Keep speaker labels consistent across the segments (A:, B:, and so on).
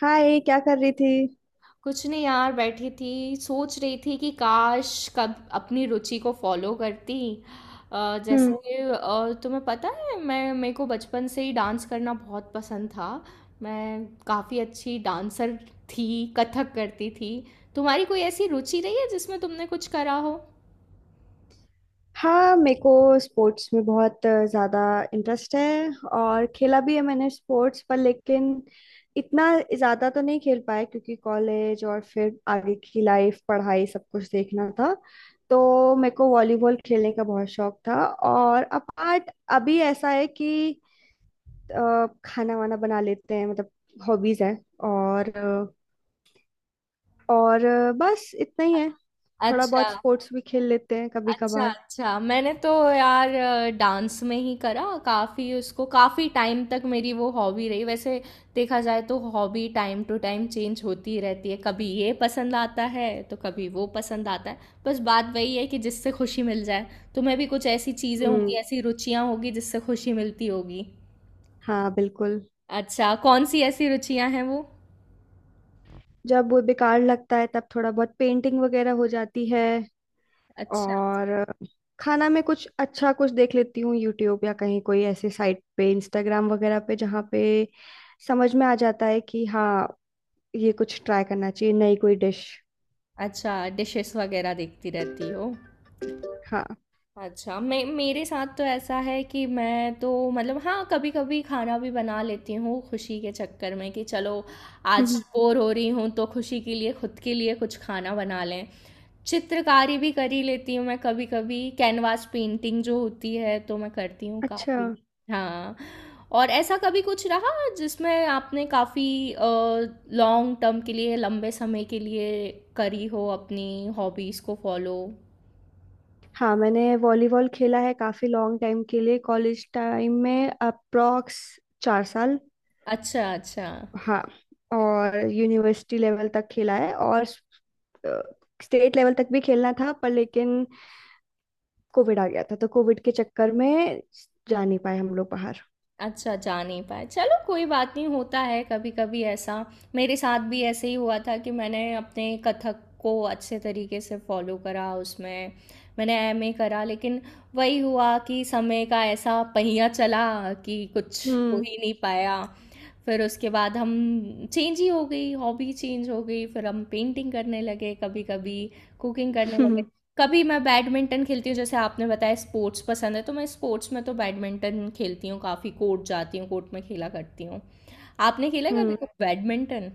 A: हाय। क्या कर रही थी?
B: कुछ नहीं यार, बैठी थी सोच रही थी कि काश कब अपनी रुचि को फॉलो करती। जैसे,
A: हम्म।
B: तुम्हें पता है मैं मेरे को बचपन से ही डांस करना बहुत पसंद था। मैं काफ़ी अच्छी डांसर थी। कथक करती थी। तुम्हारी कोई ऐसी रुचि रही है जिसमें तुमने कुछ करा हो?
A: हाँ, मेरे को स्पोर्ट्स में बहुत ज़्यादा इंटरेस्ट है। और खेला भी है मैंने स्पोर्ट्स पर, लेकिन इतना ज़्यादा तो नहीं खेल पाया, क्योंकि कॉलेज और फिर आगे की लाइफ, पढ़ाई, सब कुछ देखना था। तो मेरे को वॉलीबॉल खेलने का बहुत शौक था। और अपार्ट अभी ऐसा है कि खाना वाना बना लेते हैं, मतलब हॉबीज़ है। और अ, और बस इतना ही है। थोड़ा
B: अच्छा,
A: बहुत स्पोर्ट्स भी खेल लेते हैं कभी
B: अच्छा।
A: कभार।
B: अच्छा, मैंने तो यार डांस में ही करा काफ़ी, उसको काफ़ी टाइम तक मेरी वो हॉबी रही। वैसे देखा जाए तो hobby time to time change होती ही रहती है। कभी ये पसंद आता है तो कभी वो पसंद आता है। बस बात वही है कि जिससे खुशी मिल जाए। तुम्हें भी कुछ ऐसी चीज़ें होंगी,
A: हम्म।
B: ऐसी रुचियां होगी जिससे खुशी मिलती होगी।
A: हाँ, बिल्कुल।
B: अच्छा, कौन सी ऐसी रुचियां हैं वो?
A: जब वो बेकार लगता है तब थोड़ा बहुत पेंटिंग वगैरह हो जाती है।
B: अच्छा।
A: और खाना में कुछ अच्छा, कुछ देख लेती हूँ यूट्यूब या कहीं कोई ऐसे साइट पे, इंस्टाग्राम वगैरह पे, जहाँ पे समझ में आ जाता है कि हाँ, ये कुछ ट्राई करना चाहिए, नई कोई डिश।
B: अच्छा, डिशेस वगैरह देखती रहती हो?
A: हाँ।
B: अच्छा, मैं मेरे साथ तो ऐसा है कि मैं तो मतलब हाँ, कभी कभी खाना भी बना लेती हूँ, खुशी के चक्कर में कि चलो आज
A: हम्म,
B: बोर हो रही हूँ तो खुशी के लिए, खुद के लिए कुछ खाना बना लें। चित्रकारी भी कर ही लेती हूँ मैं कभी कभी, कैनवास पेंटिंग जो होती है तो मैं करती हूँ
A: अच्छा।
B: काफ़ी। हाँ। और ऐसा कभी कुछ रहा जिसमें आपने काफ़ी लॉन्ग टर्म के लिए, लंबे समय के लिए, करी हो अपनी हॉबीज़ को फॉलो?
A: हाँ, मैंने वॉलीबॉल खेला है काफी लॉन्ग टाइम के लिए, कॉलेज टाइम में, अप्रॉक्स 4 साल।
B: अच्छा, अच्छा।
A: हाँ। और यूनिवर्सिटी लेवल तक खेला है। और स्टेट लेवल तक भी खेलना था, पर लेकिन कोविड आ गया था, तो कोविड के चक्कर में जा नहीं पाए हम लोग बाहर।
B: अच्छा, जा नहीं पाए। चलो कोई बात नहीं, होता है कभी-कभी ऐसा। मेरे साथ भी ऐसे ही हुआ था कि मैंने अपने कथक को अच्छे तरीके से फ़ॉलो करा उसमें, मैंने एमए करा, लेकिन वही हुआ कि समय का ऐसा पहिया चला कि कुछ हो
A: हम्म।
B: ही नहीं पाया। फिर उसके बाद हम चेंज ही हो गई, हॉबी चेंज हो गई। फिर हम पेंटिंग करने लगे कभी कभी, कुकिंग करने लगे।
A: हम्म।
B: कभी मैं बैडमिंटन खेलती हूँ, जैसे आपने बताया स्पोर्ट्स पसंद है, तो मैं स्पोर्ट्स में तो बैडमिंटन खेलती हूँ, काफ़ी कोर्ट जाती हूँ, कोर्ट में खेला करती हूँ। आपने खेला कभी
A: हम्म।
B: कुछ बैडमिंटन?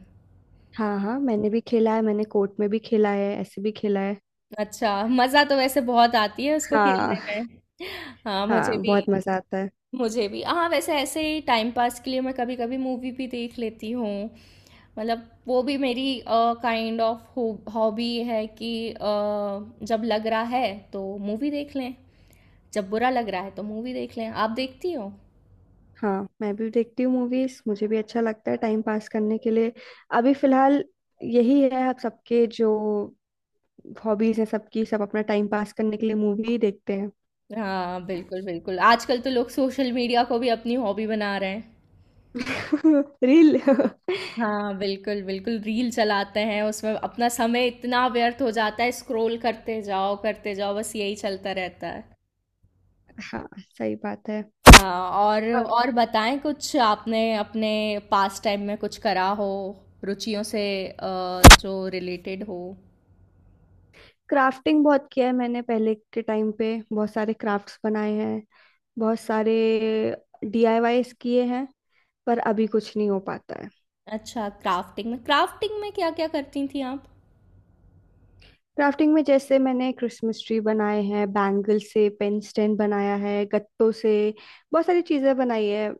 A: हाँ, हाँ, मैंने भी खेला है, मैंने कोर्ट में भी खेला है, ऐसे भी खेला है।
B: अच्छा, मज़ा तो वैसे बहुत आती है उसको
A: हाँ।
B: खेलने में। हाँ, मुझे
A: हाँ,
B: भी।
A: बहुत मजा आता है।
B: मुझे भी, हाँ, वैसे ऐसे ही टाइम पास के लिए मैं कभी कभी मूवी भी देख लेती हूँ। मतलब वो भी मेरी काइंड ऑफ हॉबी है कि जब लग रहा है तो मूवी देख लें, जब बुरा लग रहा है तो मूवी देख लें। आप देखती हो?
A: हाँ, मैं भी देखती हूँ मूवीज। मुझे भी अच्छा लगता है टाइम पास करने के लिए। अभी फिलहाल यही है, अब सबके जो हॉबीज हैं, सबकी सब अपना टाइम पास करने के लिए मूवी देखते हैं।
B: हाँ, बिल्कुल बिल्कुल। आजकल तो लोग सोशल मीडिया को भी अपनी हॉबी बना रहे हैं।
A: रील।
B: हाँ, बिल्कुल बिल्कुल, रील चलाते हैं उसमें, अपना समय इतना व्यर्थ हो जाता है, स्क्रॉल करते जाओ करते जाओ, बस यही चलता रहता है।
A: हाँ, सही बात है।
B: हाँ। और बताएं, कुछ आपने अपने पास टाइम में कुछ करा हो, रुचियों से जो रिलेटेड हो?
A: क्राफ्टिंग बहुत किया है मैंने, पहले के टाइम पे बहुत सारे क्राफ्ट्स बनाए हैं, बहुत सारे डीआईवाईस किए हैं। पर अभी कुछ नहीं हो पाता है।
B: अच्छा, क्राफ्टिंग में, क्राफ्टिंग में क्या क्या करती थी आप?
A: क्राफ्टिंग में, जैसे मैंने क्रिसमस ट्री बनाए हैं, बैंगल से पेन स्टैंड बनाया है, गत्तों से बहुत सारी चीजें बनाई है,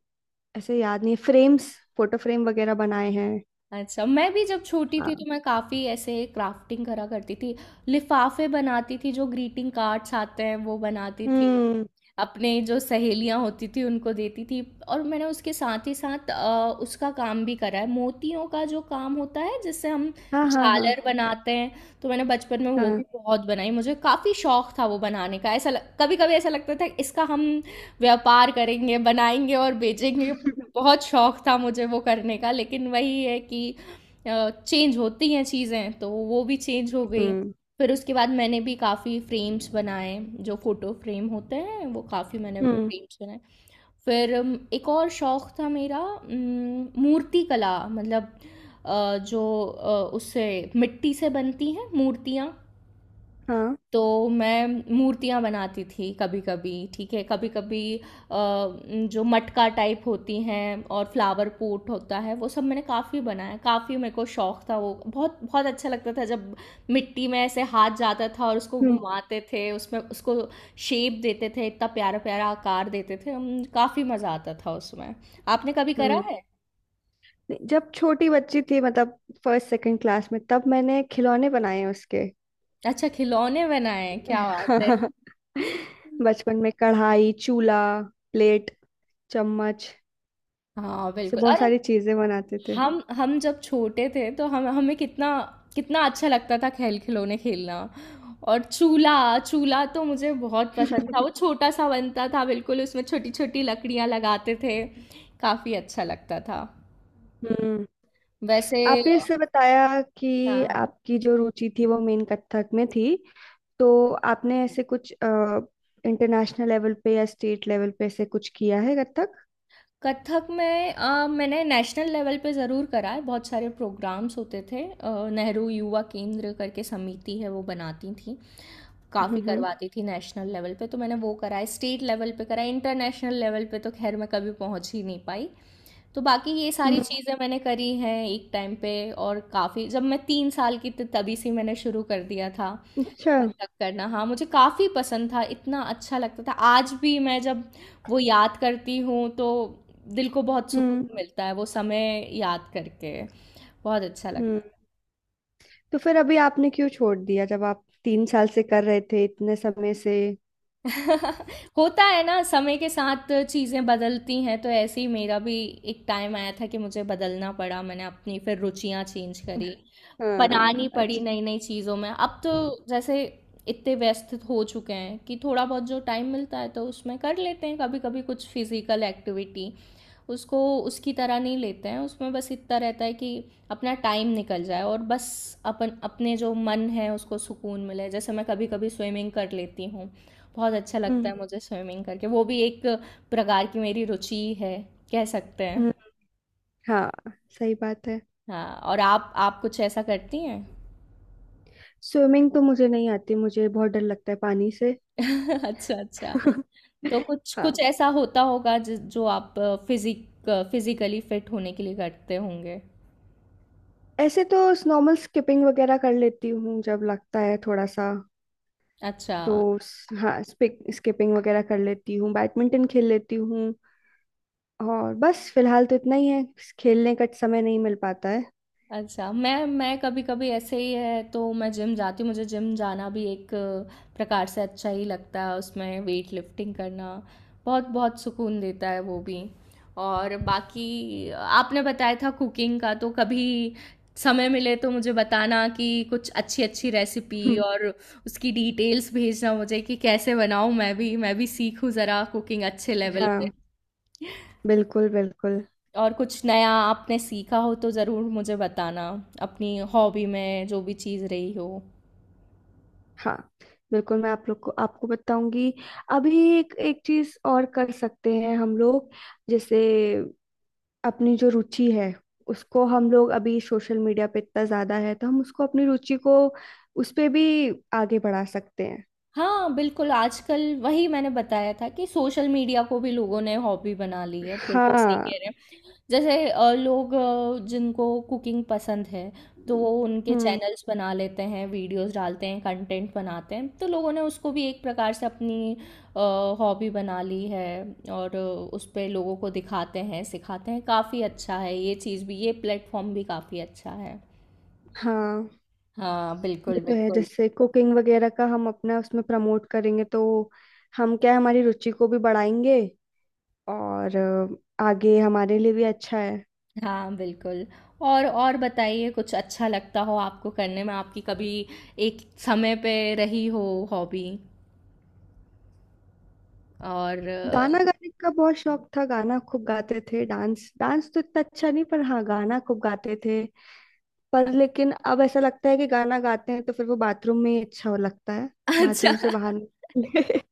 A: ऐसे याद नहीं, फ्रेम्स, फोटो फ्रेम वगैरह बनाए हैं।
B: अच्छा, मैं भी जब छोटी थी तो
A: हाँ।
B: मैं काफ़ी ऐसे क्राफ्टिंग करा करती थी। लिफ़ाफ़े बनाती थी, जो ग्रीटिंग कार्ड्स आते हैं वो बनाती थी।
A: हम्म।
B: अपने जो सहेलियाँ होती थी उनको देती थी। और मैंने उसके साथ ही साथ उसका काम भी करा है, मोतियों का जो काम होता है जिससे हम
A: हाँ, हाँ, हाँ।
B: झालर बनाते हैं, तो मैंने बचपन में वो भी
A: हाँ।
B: बहुत बनाई। मुझे काफ़ी शौक था वो बनाने का। ऐसा लग कभी-कभी ऐसा लगता था इसका हम व्यापार करेंगे, बनाएँगे और बेचेंगे। बहुत शौक था मुझे वो करने का, लेकिन वही है कि चेंज होती हैं चीज़ें तो वो भी चेंज हो गई।
A: हम्म।
B: फिर उसके बाद मैंने भी काफ़ी फ्रेम्स बनाए, जो फ़ोटो फ्रेम होते हैं वो काफ़ी मैंने
A: हम्म।
B: फ्रेम्स बनाए। फिर एक और शौक था मेरा, मूर्ति कला, मतलब जो उससे मिट्टी से बनती हैं मूर्तियाँ,
A: हाँ।
B: तो मैं मूर्तियाँ बनाती थी कभी कभी। ठीक है, कभी कभी जो मटका टाइप होती हैं और फ्लावर पॉट होता है वो सब मैंने काफ़ी बनाया। काफ़ी मेरे को शौक था वो, बहुत बहुत अच्छा लगता था जब मिट्टी में ऐसे हाथ जाता था और उसको
A: हम्म।
B: घुमाते थे, उसमें उसको शेप देते थे, इतना प्यारा प्यारा आकार देते थे हम, काफ़ी मज़ा आता था उसमें। आपने कभी करा
A: हम्म।
B: है?
A: नहीं, जब छोटी बच्ची थी, मतलब फर्स्ट सेकंड क्लास में, तब मैंने खिलौने बनाए हैं उसके।
B: अच्छा, खिलौने बनाए हैं, क्या बात है!
A: बचपन में कढ़ाई, चूल्हा, प्लेट, चम्मच
B: हाँ
A: से
B: बिल्कुल,
A: बहुत
B: अरे
A: सारी चीजें बनाते थे।
B: हम जब छोटे थे तो हम हमें कितना कितना अच्छा लगता था खेल खिलौने खेलना। और चूल्हा चूल्हा तो मुझे बहुत पसंद था, वो छोटा सा बनता था बिल्कुल, उसमें छोटी छोटी लकड़ियाँ लगाते थे। काफ़ी अच्छा लगता था
A: हम्म।
B: वैसे।
A: आपने इससे बताया
B: हाँ,
A: कि
B: हाँ।
A: आपकी जो रुचि थी वो मेन कथक में थी। तो आपने ऐसे कुछ इंटरनेशनल लेवल पे या स्टेट लेवल पे ऐसे कुछ किया है कथक?
B: कथक में मैंने नेशनल लेवल पे ज़रूर करा है, बहुत सारे प्रोग्राम्स होते थे। नेहरू युवा केंद्र करके समिति है, वो बनाती थी काफ़ी,
A: हम्म। हम्म।
B: करवाती थी नेशनल लेवल पे, तो मैंने वो कराया। स्टेट लेवल पे कराया। इंटरनेशनल लेवल पे तो खैर मैं कभी पहुंच ही नहीं पाई। तो बाकी ये सारी चीज़ें मैंने करी हैं एक टाइम पे। और काफ़ी, जब मैं तीन साल की थी तभी से मैंने शुरू कर दिया था
A: अच्छा।
B: कथक करना। हाँ, मुझे काफ़ी पसंद था, इतना अच्छा लगता था। आज भी मैं जब वो याद करती हूँ तो दिल को बहुत
A: हम्म।
B: सुकून मिलता है वो समय याद करके। बहुत अच्छा लगता
A: हम्म।
B: है।
A: तो फिर अभी आपने क्यों छोड़ दिया, जब आप 3 साल से कर रहे थे, इतने समय से?
B: होता है ना, समय के साथ चीज़ें बदलती हैं तो ऐसे ही मेरा भी एक टाइम आया था कि मुझे बदलना पड़ा, मैंने अपनी फिर रुचियाँ चेंज करी,
A: हाँ।
B: बनानी पड़ी
A: अच्छा।
B: नई नई चीज़ों में। अब तो जैसे इतने व्यस्त हो चुके हैं कि थोड़ा बहुत जो टाइम मिलता है तो उसमें कर लेते हैं कभी कभी कुछ फिजिकल एक्टिविटी, उसको उसकी तरह नहीं लेते हैं उसमें, बस इतना रहता है कि अपना टाइम निकल जाए और बस, अपन अपने जो मन है उसको सुकून मिले, जैसे मैं कभी कभी स्विमिंग कर लेती हूँ, बहुत अच्छा लगता
A: हम्म।
B: है मुझे स्विमिंग करके। वो भी एक प्रकार की मेरी रुचि है, कह सकते हैं।
A: हम्म, हाँ, सही बात है।
B: हाँ, और आप कुछ ऐसा करती हैं?
A: स्विमिंग तो मुझे नहीं आती, मुझे बहुत डर लगता है पानी से।
B: अच्छा, अच्छा। तो कुछ
A: हाँ।
B: कुछ ऐसा होता होगा जो आप फिजिक फिजिकली फिट होने के लिए करते होंगे?
A: ऐसे तो नॉर्मल स्किपिंग वगैरह कर लेती हूँ, जब लगता है थोड़ा सा।
B: अच्छा,
A: तो हाँ, स्किपिंग वगैरह कर लेती हूँ, बैडमिंटन खेल लेती हूँ। और बस फिलहाल तो इतना ही है, खेलने का समय नहीं मिल पाता है।
B: अच्छा, मैं कभी-कभी ऐसे ही है तो मैं जिम जाती हूँ, मुझे जिम जाना भी एक प्रकार से अच्छा ही लगता है, उसमें वेट लिफ्टिंग करना बहुत-बहुत सुकून देता है वो भी। और बाकी आपने बताया था कुकिंग का, तो कभी समय मिले तो मुझे बताना कि कुछ अच्छी-अच्छी रेसिपी
A: हम्म।
B: और उसकी डिटेल्स भेजना मुझे कि कैसे बनाऊँ, मैं भी सीखूँ ज़रा कुकिंग अच्छे लेवल पे।
A: हाँ, बिल्कुल, बिल्कुल।
B: और कुछ नया आपने सीखा हो तो ज़रूर मुझे बताना, अपनी हॉबी में जो भी चीज़ रही हो।
A: हाँ, बिल्कुल, मैं आप लोग को आपको बताऊंगी। अभी एक एक चीज और कर सकते हैं हम लोग, जैसे अपनी जो रुचि है, उसको हम लोग अभी सोशल मीडिया पे इतना ज्यादा है तो हम उसको, अपनी रुचि को, उस पे भी आगे बढ़ा सकते हैं।
B: हाँ, बिल्कुल। आजकल वही मैंने बताया था कि सोशल मीडिया को भी लोगों ने हॉबी बना ली है, बिल्कुल सही
A: हाँ।
B: कह रहे हैं। जैसे लोग, जिनको कुकिंग पसंद है, तो वो उनके
A: हम्म।
B: चैनल्स बना लेते हैं, वीडियोस डालते हैं, कंटेंट बनाते हैं, तो लोगों ने उसको भी एक प्रकार से अपनी अ, हॉबी बना ली है और उस पे लोगों को दिखाते हैं, सिखाते हैं, काफ़ी अच्छा है ये चीज़ भी, ये प्लेटफॉर्म भी काफ़ी अच्छा है।
A: हाँ।
B: हाँ,
A: ये
B: बिल्कुल,
A: तो है,
B: बिल्कुल।
A: जैसे कुकिंग वगैरह का हम अपना उसमें प्रमोट करेंगे तो हम क्या है, हमारी रुचि को भी बढ़ाएंगे और आगे हमारे लिए भी अच्छा है।
B: हाँ, बिल्कुल। और बताइए, कुछ अच्छा लगता हो आपको करने में, आपकी कभी एक समय पे रही हो हॉबी, और
A: गाना गाने का बहुत शौक था, गाना खूब गाते थे। डांस डांस तो इतना अच्छा नहीं, पर हाँ, गाना खूब गाते थे। पर लेकिन अब ऐसा लगता है कि गाना गाते हैं तो फिर वो बाथरूम में ही अच्छा लगता है।
B: अच्छा।
A: बाथरूम से बाहर नहीं।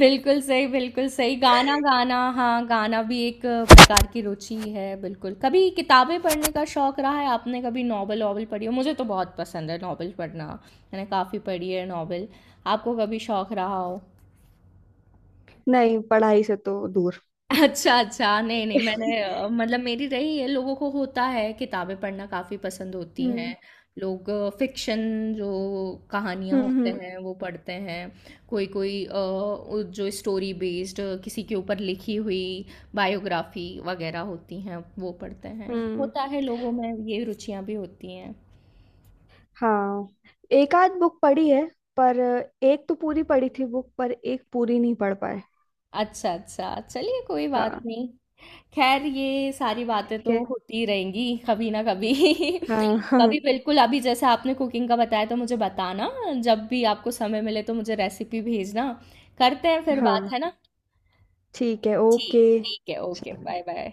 B: बिल्कुल सही, बिल्कुल सही। गाना गाना, हाँ, गाना भी एक प्रकार की रुचि है, बिल्कुल। कभी किताबें पढ़ने का शौक रहा है? आपने कभी नॉवल-वॉवल पढ़ी हो? मुझे तो बहुत पसंद है नॉवल पढ़ना। मैंने काफ़ी पढ़ी है नॉवल। आपको कभी शौक रहा हो?
A: नहीं, पढ़ाई से तो दूर।
B: अच्छा, अच्छा। नहीं, नहीं, मैंने मतलब मेरी रही है, लोगों को होता है किताबें पढ़ना काफ़ी पसंद होती
A: हम्म।
B: हैं। लोग फ़िक्शन जो कहानियाँ
A: हम्म।
B: होते
A: हम्म।
B: हैं वो पढ़ते हैं। कोई-कोई उ जो स्टोरी बेस्ड किसी के ऊपर लिखी हुई बायोग्राफ़ी वग़ैरह होती हैं वो पढ़ते हैं।
A: हम्म।
B: होता है, लोगों में ये रुचियाँ भी होती हैं।
A: हाँ, एक आध बुक पढ़ी है, पर एक तो पूरी पढ़ी थी बुक, पर एक पूरी नहीं पढ़ पाए।
B: अच्छा, अच्छा। चलिए कोई बात
A: हाँ।
B: नहीं। खैर ये सारी बातें
A: ठीक है।
B: तो होती रहेंगी कभी ना कभी।
A: हाँ, हाँ,
B: कभी बिल्कुल, अभी जैसे आपने कुकिंग का बताया तो मुझे बताना, जब भी आपको समय मिले तो मुझे रेसिपी भेजना, करते हैं फिर
A: हाँ।
B: बात, है ना?
A: ठीक है,
B: ठीक
A: ओके।
B: ठीक है, ओके, बाय बाय।